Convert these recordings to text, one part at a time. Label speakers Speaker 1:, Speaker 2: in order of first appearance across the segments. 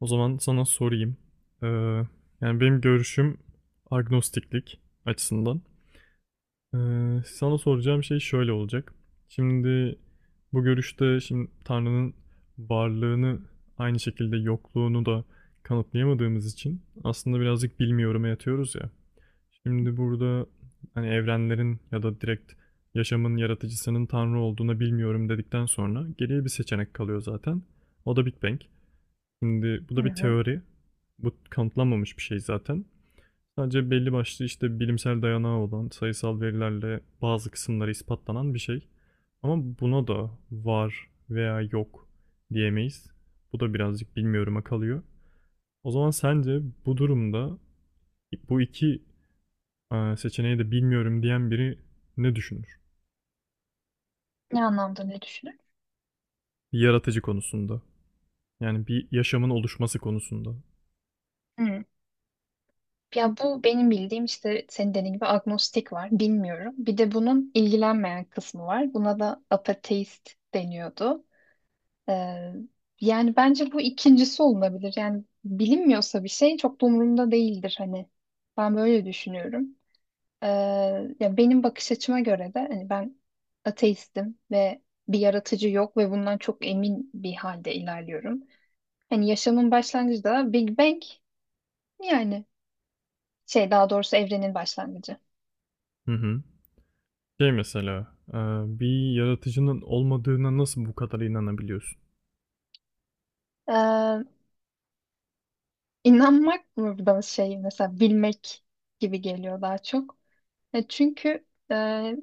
Speaker 1: O zaman sana sorayım. Ee, Yani benim görüşüm agnostiklik açısından. Sana soracağım şey şöyle olacak. Şimdi bu görüşte şimdi Tanrı'nın varlığını aynı şekilde yokluğunu da kanıtlayamadığımız için aslında birazcık bilmiyorum'a yatıyoruz ya. Şimdi burada hani evrenlerin ya da direkt yaşamın yaratıcısının Tanrı olduğuna bilmiyorum dedikten sonra geriye bir seçenek kalıyor zaten. O da Big Bang. Şimdi bu
Speaker 2: Hı
Speaker 1: da bir
Speaker 2: hı.
Speaker 1: teori. Bu kanıtlanmamış bir şey zaten. Sadece belli başlı işte bilimsel dayanağı olan sayısal verilerle bazı kısımları ispatlanan bir şey. Ama buna da var veya yok diyemeyiz. Bu da birazcık bilmiyorum'a kalıyor. O zaman sence bu durumda bu iki seçeneği de bilmiyorum diyen biri ne düşünür?
Speaker 2: Ne anlamda ne düşünür?
Speaker 1: Yaratıcı konusunda. Yani bir yaşamın oluşması konusunda.
Speaker 2: Hı. Ya bu benim bildiğim işte senin dediğin gibi agnostik var. Bilmiyorum. Bir de bunun ilgilenmeyen kısmı var. Buna da ateist deniyordu. Ee, Yani bence bu ikincisi olunabilir. Yani bilinmiyorsa bir şey çok da umurumda değildir hani. Ben böyle düşünüyorum. Ee, Ya benim bakış açıma göre de hani ben ateistim ve bir yaratıcı yok ve bundan çok emin bir halde ilerliyorum. Hani yaşamın başlangıcı da Big Bang, yani şey, daha doğrusu evrenin başlangıcı.
Speaker 1: Hı hı. Şey mesela, bir yaratıcının olmadığına nasıl bu kadar inanabiliyorsun?
Speaker 2: Ee, inanmak burada şey mesela bilmek gibi geliyor daha çok. Çünkü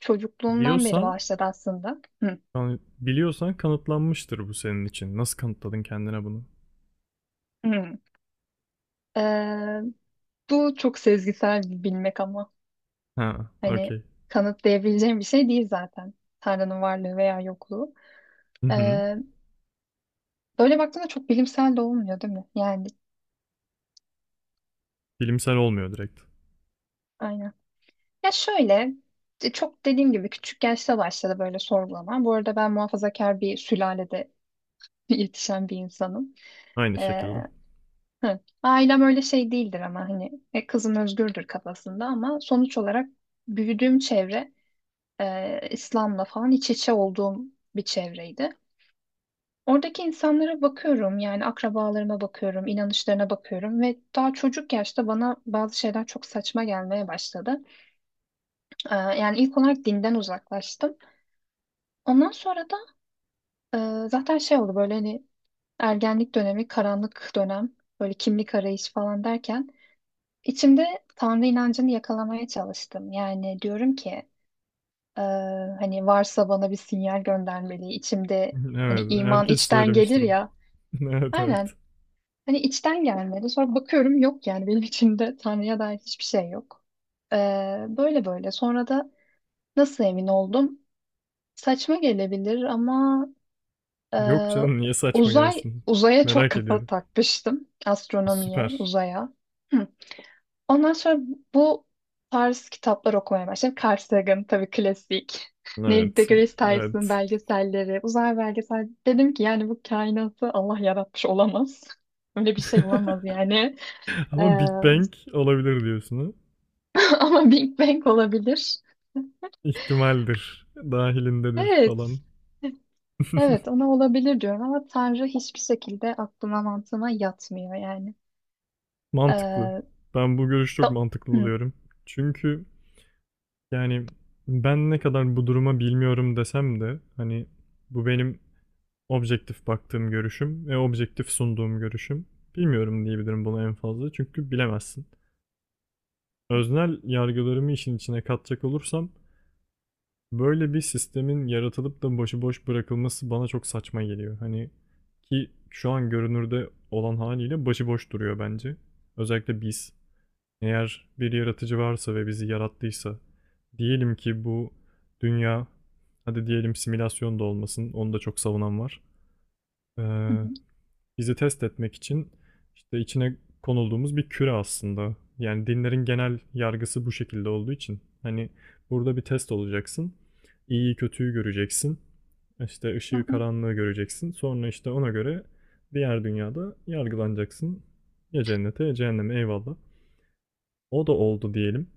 Speaker 2: çocukluğumdan beri
Speaker 1: Biliyorsan,
Speaker 2: başladı aslında. Hı,
Speaker 1: biliyorsan kanıtlanmıştır bu senin için. Nasıl kanıtladın kendine bunu?
Speaker 2: hı. Ee, Bu çok sezgisel bir bilmek, ama
Speaker 1: Ha,
Speaker 2: hani
Speaker 1: okey.
Speaker 2: kanıtlayabileceğim bir şey değil zaten. Tanrı'nın varlığı veya yokluğu.
Speaker 1: Hı hı.
Speaker 2: Ee, Böyle baktığında çok bilimsel de olmuyor değil mi? Yani
Speaker 1: Bilimsel olmuyor direkt.
Speaker 2: aynen. Ya şöyle, çok dediğim gibi küçük yaşta başladı böyle sorgulama. Bu arada ben muhafazakar bir sülalede yetişen bir insanım.
Speaker 1: Aynı
Speaker 2: Ee,
Speaker 1: şekilde.
Speaker 2: hı. Ailem öyle şey değildir, ama hani kızın özgürdür kafasında, ama sonuç olarak büyüdüğüm çevre, İslam'la falan iç içe olduğum bir çevreydi. Oradaki insanlara bakıyorum, yani akrabalarıma bakıyorum, inanışlarına bakıyorum ve daha çocuk yaşta bana bazı şeyler çok saçma gelmeye başladı. Yani ilk olarak dinden uzaklaştım. Ondan sonra da zaten şey oldu, böyle hani ergenlik dönemi, karanlık dönem, böyle kimlik arayışı falan derken içimde Tanrı inancını yakalamaya çalıştım. Yani diyorum ki e, hani varsa bana bir sinyal göndermeli. İçimde hani
Speaker 1: Evet,
Speaker 2: iman
Speaker 1: herkes
Speaker 2: içten
Speaker 1: söylemiştir
Speaker 2: gelir
Speaker 1: onu.
Speaker 2: ya.
Speaker 1: Evet, evet.
Speaker 2: Aynen. Hani içten gelmedi. Sonra bakıyorum, yok yani benim içimde Tanrı'ya dair hiçbir şey yok. Ee, Böyle böyle. Sonra da nasıl emin oldum? Saçma gelebilir, ama
Speaker 1: Yok
Speaker 2: Ee,
Speaker 1: canım, niye saçma
Speaker 2: uzay
Speaker 1: gelsin?
Speaker 2: uzaya çok
Speaker 1: Merak
Speaker 2: kafa
Speaker 1: ediyorum.
Speaker 2: takmıştım. Astronomiye,
Speaker 1: Süper.
Speaker 2: uzaya. Hı. Ondan sonra bu tarz kitaplar okumaya başladım. Carl Sagan tabii klasik. Neil
Speaker 1: Evet,
Speaker 2: deGrasse Tyson
Speaker 1: evet.
Speaker 2: belgeselleri, uzay belgesel. Dedim ki yani bu kainatı Allah yaratmış olamaz. Öyle bir şey olamaz yani. Ee,
Speaker 1: Ama Big Bang olabilir diyorsun ha?
Speaker 2: ama Big Bang olabilir.
Speaker 1: İhtimaldir, dahilindedir falan.
Speaker 2: Evet. Evet ona olabilir diyorum, ama Tanrı hiçbir şekilde aklıma mantığıma yatmıyor yani.
Speaker 1: Mantıklı.
Speaker 2: Ee,
Speaker 1: Ben bu görüşü çok
Speaker 2: da-
Speaker 1: mantıklı
Speaker 2: Hı.
Speaker 1: buluyorum. Çünkü yani ben ne kadar bu duruma bilmiyorum desem de hani bu benim objektif baktığım görüşüm ve objektif sunduğum görüşüm. Bilmiyorum diyebilirim buna en fazla çünkü bilemezsin. Öznel yargılarımı işin içine katacak olursam böyle bir sistemin yaratılıp da başıboş bırakılması bana çok saçma geliyor. Hani ki şu an görünürde olan haliyle başıboş duruyor bence. Özellikle biz. Eğer bir yaratıcı varsa ve bizi yarattıysa, diyelim ki bu dünya, hadi diyelim simülasyon da olmasın, onu da çok savunan var.
Speaker 2: Hı
Speaker 1: Ee,
Speaker 2: hı,
Speaker 1: Bizi test etmek için işte içine konulduğumuz bir küre aslında. Yani dinlerin genel yargısı bu şekilde olduğu için. Hani burada bir test olacaksın, iyiyi kötüyü göreceksin, işte ışığı
Speaker 2: hı
Speaker 1: karanlığı göreceksin. Sonra işte ona göre diğer dünyada yargılanacaksın. Ya cennete ya cehenneme eyvallah. O da oldu diyelim.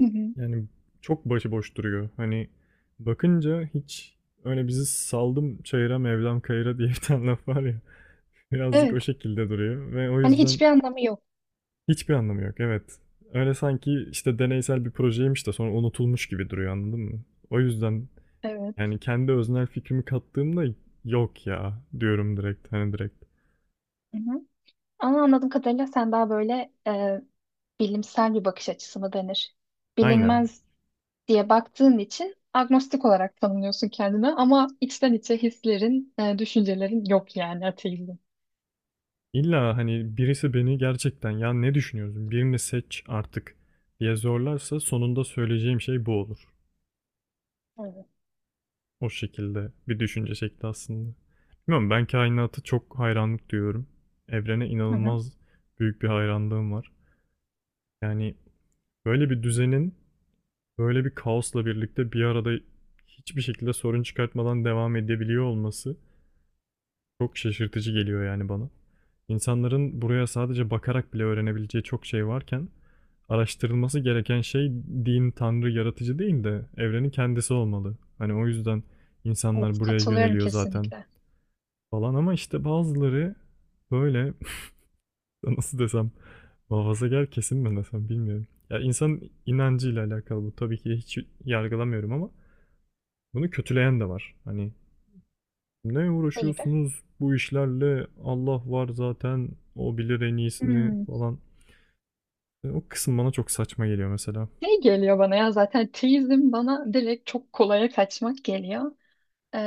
Speaker 2: hı hı.
Speaker 1: Yani, çok başıboş duruyor. Hani, bakınca hiç öyle bizi saldım çayıra Mevlam kayıra diye bir tane laf var ya, birazcık o
Speaker 2: Evet.
Speaker 1: şekilde duruyor ve o
Speaker 2: Hani
Speaker 1: yüzden
Speaker 2: hiçbir anlamı yok.
Speaker 1: hiçbir anlamı yok. Evet. Öyle sanki, işte, deneysel bir projeymiş de sonra unutulmuş gibi duruyor, anladın mı? O yüzden,
Speaker 2: Evet.
Speaker 1: yani, kendi öznel fikrimi kattığımda "Yok ya." diyorum direkt, hani, direkt.
Speaker 2: Hı hı. Ama anladığım kadarıyla sen daha böyle, bilimsel bir bakış açısı mı denir?
Speaker 1: Aynen.
Speaker 2: Bilinmez diye baktığın için agnostik olarak tanımlıyorsun kendini, ama içten içe hislerin, düşüncelerin yok, yani ateizm.
Speaker 1: İlla, hani, birisi beni gerçekten "Ya, ne düşünüyorsun? Birini seç artık." diye zorlarsa sonunda söyleyeceğim şey bu olur.
Speaker 2: Evet.
Speaker 1: O şekilde bir düşünce şekli aslında. Bilmiyorum ben kainata çok hayranlık duyuyorum. Evrene
Speaker 2: Hı hı.
Speaker 1: inanılmaz büyük bir hayranlığım var. Yani böyle bir düzenin böyle bir kaosla birlikte bir arada hiçbir şekilde sorun çıkartmadan devam edebiliyor olması çok şaşırtıcı geliyor yani bana. İnsanların buraya sadece bakarak bile öğrenebileceği çok şey varken araştırılması gereken şey din, tanrı, yaratıcı değil de evrenin kendisi olmalı. Hani o yüzden
Speaker 2: Evet,
Speaker 1: insanlar buraya
Speaker 2: katılıyorum
Speaker 1: yöneliyor zaten.
Speaker 2: kesinlikle.
Speaker 1: Falan ama işte bazıları böyle nasıl desem muhafazakar kesim mi desem bilmiyorum. Ya insan inancıyla alakalı bu tabii ki hiç yargılamıyorum ama bunu kötüleyen de var. Hani ne
Speaker 2: Ne gibi?
Speaker 1: uğraşıyorsunuz bu işlerle Allah var zaten o bilir en iyisini
Speaker 2: Hmm.
Speaker 1: falan. E, o kısım bana çok saçma geliyor mesela.
Speaker 2: Şey geliyor bana, ya zaten teizm bana direkt çok kolaya kaçmak geliyor. Ee,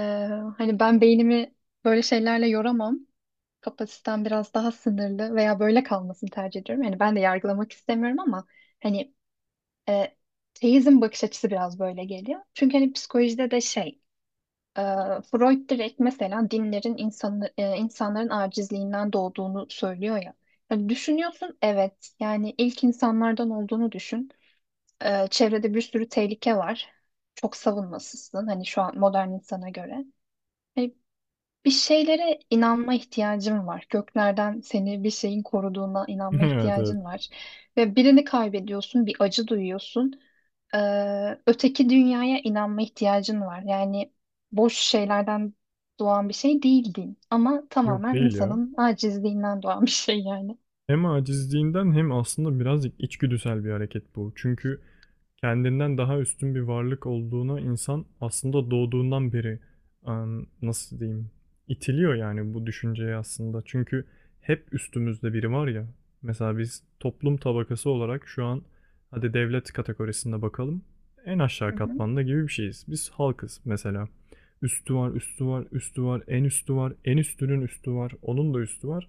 Speaker 2: Hani ben beynimi böyle şeylerle yoramam. Kapasitem biraz daha sınırlı veya böyle kalmasını tercih ediyorum. Yani ben de yargılamak istemiyorum, ama hani e, teizm bakış açısı biraz böyle geliyor. Çünkü hani psikolojide de e, Freud direkt mesela dinlerin insanların acizliğinden doğduğunu söylüyor ya. Yani düşünüyorsun, evet yani ilk insanlardan olduğunu düşün. Çevrede bir sürü tehlike var. Çok savunmasızsın hani şu an modern insana göre. Hani bir şeylere inanma ihtiyacın var. Göklerden seni bir şeyin koruduğuna inanma
Speaker 1: Evet, evet.
Speaker 2: ihtiyacın var. Ve birini kaybediyorsun, bir acı duyuyorsun. Ee, Öteki dünyaya inanma ihtiyacın var. Yani boş şeylerden doğan bir şey değil din. Ama
Speaker 1: Yok
Speaker 2: tamamen
Speaker 1: değil ya.
Speaker 2: insanın acizliğinden doğan bir şey yani.
Speaker 1: Hem acizliğinden hem aslında birazcık içgüdüsel bir hareket bu. Çünkü kendinden daha üstün bir varlık olduğuna insan aslında doğduğundan beri nasıl diyeyim itiliyor yani bu düşünceye aslında. Çünkü hep üstümüzde biri var ya. Mesela biz toplum tabakası olarak şu an hadi devlet kategorisinde bakalım. En
Speaker 2: Hı
Speaker 1: aşağı
Speaker 2: hı.
Speaker 1: katmanda gibi bir şeyiz. Biz halkız mesela. Üstü var, üstü var, üstü var, en üstü var, en üstünün üstü var, onun da üstü var,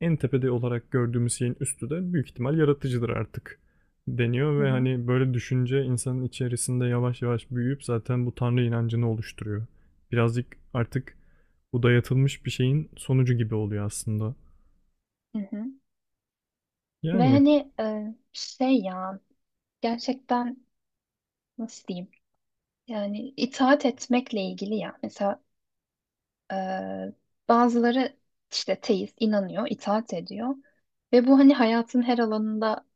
Speaker 1: en tepede olarak gördüğümüz şeyin üstü de büyük ihtimal yaratıcıdır artık deniyor
Speaker 2: Hı
Speaker 1: ve
Speaker 2: hı.
Speaker 1: hani böyle düşünce insanın içerisinde yavaş yavaş büyüyüp zaten bu tanrı inancını oluşturuyor. Birazcık artık bu dayatılmış bir şeyin sonucu gibi oluyor aslında.
Speaker 2: Hı hı. Ve
Speaker 1: Yani
Speaker 2: hani şey ya, gerçekten nasıl diyeyim, yani itaat etmekle ilgili ya, mesela e, bazıları işte teist inanıyor, itaat ediyor ve bu hani hayatın her alanında,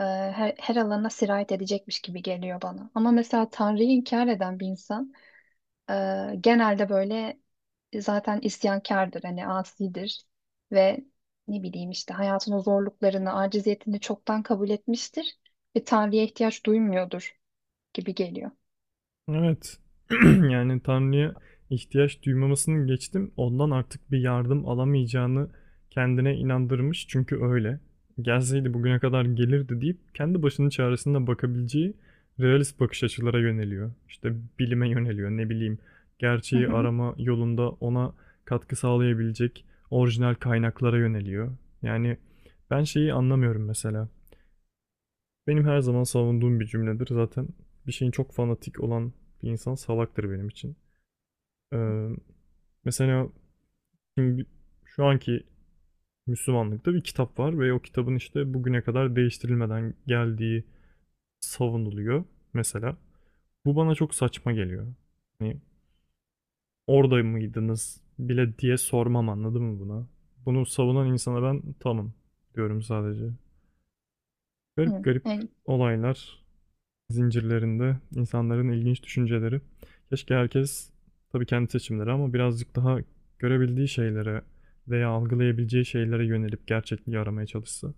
Speaker 2: her alana sirayet edecekmiş gibi geliyor bana, ama mesela Tanrı'yı inkar eden bir insan genelde böyle, zaten isyankardır, hani asidir ve ne bileyim işte hayatın o zorluklarını, aciziyetini çoktan kabul etmiştir ve Tanrı'ya ihtiyaç duymuyordur gibi geliyor.
Speaker 1: evet. Yani Tanrı'ya ihtiyaç duymamasını geçtim. Ondan artık bir yardım alamayacağını kendine inandırmış. Çünkü öyle. Gelseydi bugüne kadar gelirdi deyip kendi başının çaresine bakabileceği realist bakış açılara yöneliyor. İşte bilime yöneliyor. Ne bileyim
Speaker 2: Hı
Speaker 1: gerçeği
Speaker 2: hı.
Speaker 1: arama yolunda ona katkı sağlayabilecek orijinal kaynaklara yöneliyor. Yani ben şeyi anlamıyorum mesela. Benim her zaman savunduğum bir cümledir. Zaten bir şeyin çok fanatik olan bir insan salaktır benim için. Ee, Mesela şimdi şu anki Müslümanlıkta bir kitap var ve o kitabın işte bugüne kadar değiştirilmeden geldiği savunuluyor mesela. Bu bana çok saçma geliyor. Hani orada mıydınız bile diye sormam anladın mı buna? Bunu savunan insana ben tamam diyorum sadece. Garip
Speaker 2: Hı.
Speaker 1: garip
Speaker 2: Yani.
Speaker 1: olaylar zincirlerinde insanların ilginç düşünceleri. Keşke herkes, tabii kendi seçimleri, ama birazcık daha görebildiği şeylere veya algılayabileceği şeylere yönelip gerçekliği aramaya çalışsa.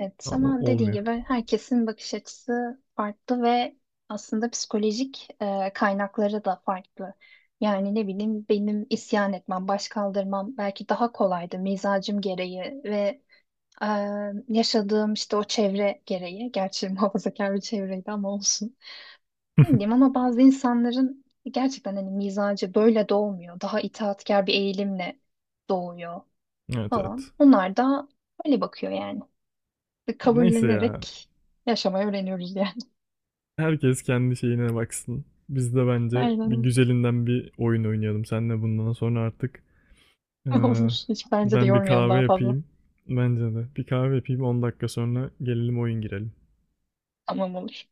Speaker 2: Evet,
Speaker 1: Ama
Speaker 2: ama dediğin
Speaker 1: olmuyor.
Speaker 2: gibi herkesin bakış açısı farklı ve aslında psikolojik kaynakları da farklı. Yani ne bileyim, benim isyan etmem, baş kaldırmam belki daha kolaydı mizacım gereği ve e, yaşadığım işte o çevre gereği. Gerçi muhafazakar bir çevreydi, ama olsun. Ne bileyim, ama bazı insanların gerçekten hani mizacı böyle doğmuyor. Daha itaatkar bir eğilimle doğuyor
Speaker 1: Evet, evet.
Speaker 2: falan. Onlar da öyle bakıyor, yani
Speaker 1: Neyse ya.
Speaker 2: kabullenerek yaşamayı öğreniyoruz yani.
Speaker 1: Herkes kendi şeyine baksın. Biz de bence
Speaker 2: Aynen
Speaker 1: bir
Speaker 2: öyle.
Speaker 1: güzelinden bir oyun oynayalım. Senle bundan sonra artık
Speaker 2: Olur.
Speaker 1: eee,
Speaker 2: Hiç bence de
Speaker 1: ben bir
Speaker 2: yormayalım
Speaker 1: kahve
Speaker 2: daha fazla.
Speaker 1: yapayım. Bence de. Bir kahve yapayım, 10 dakika sonra gelelim oyun girelim.
Speaker 2: Tamam, olur.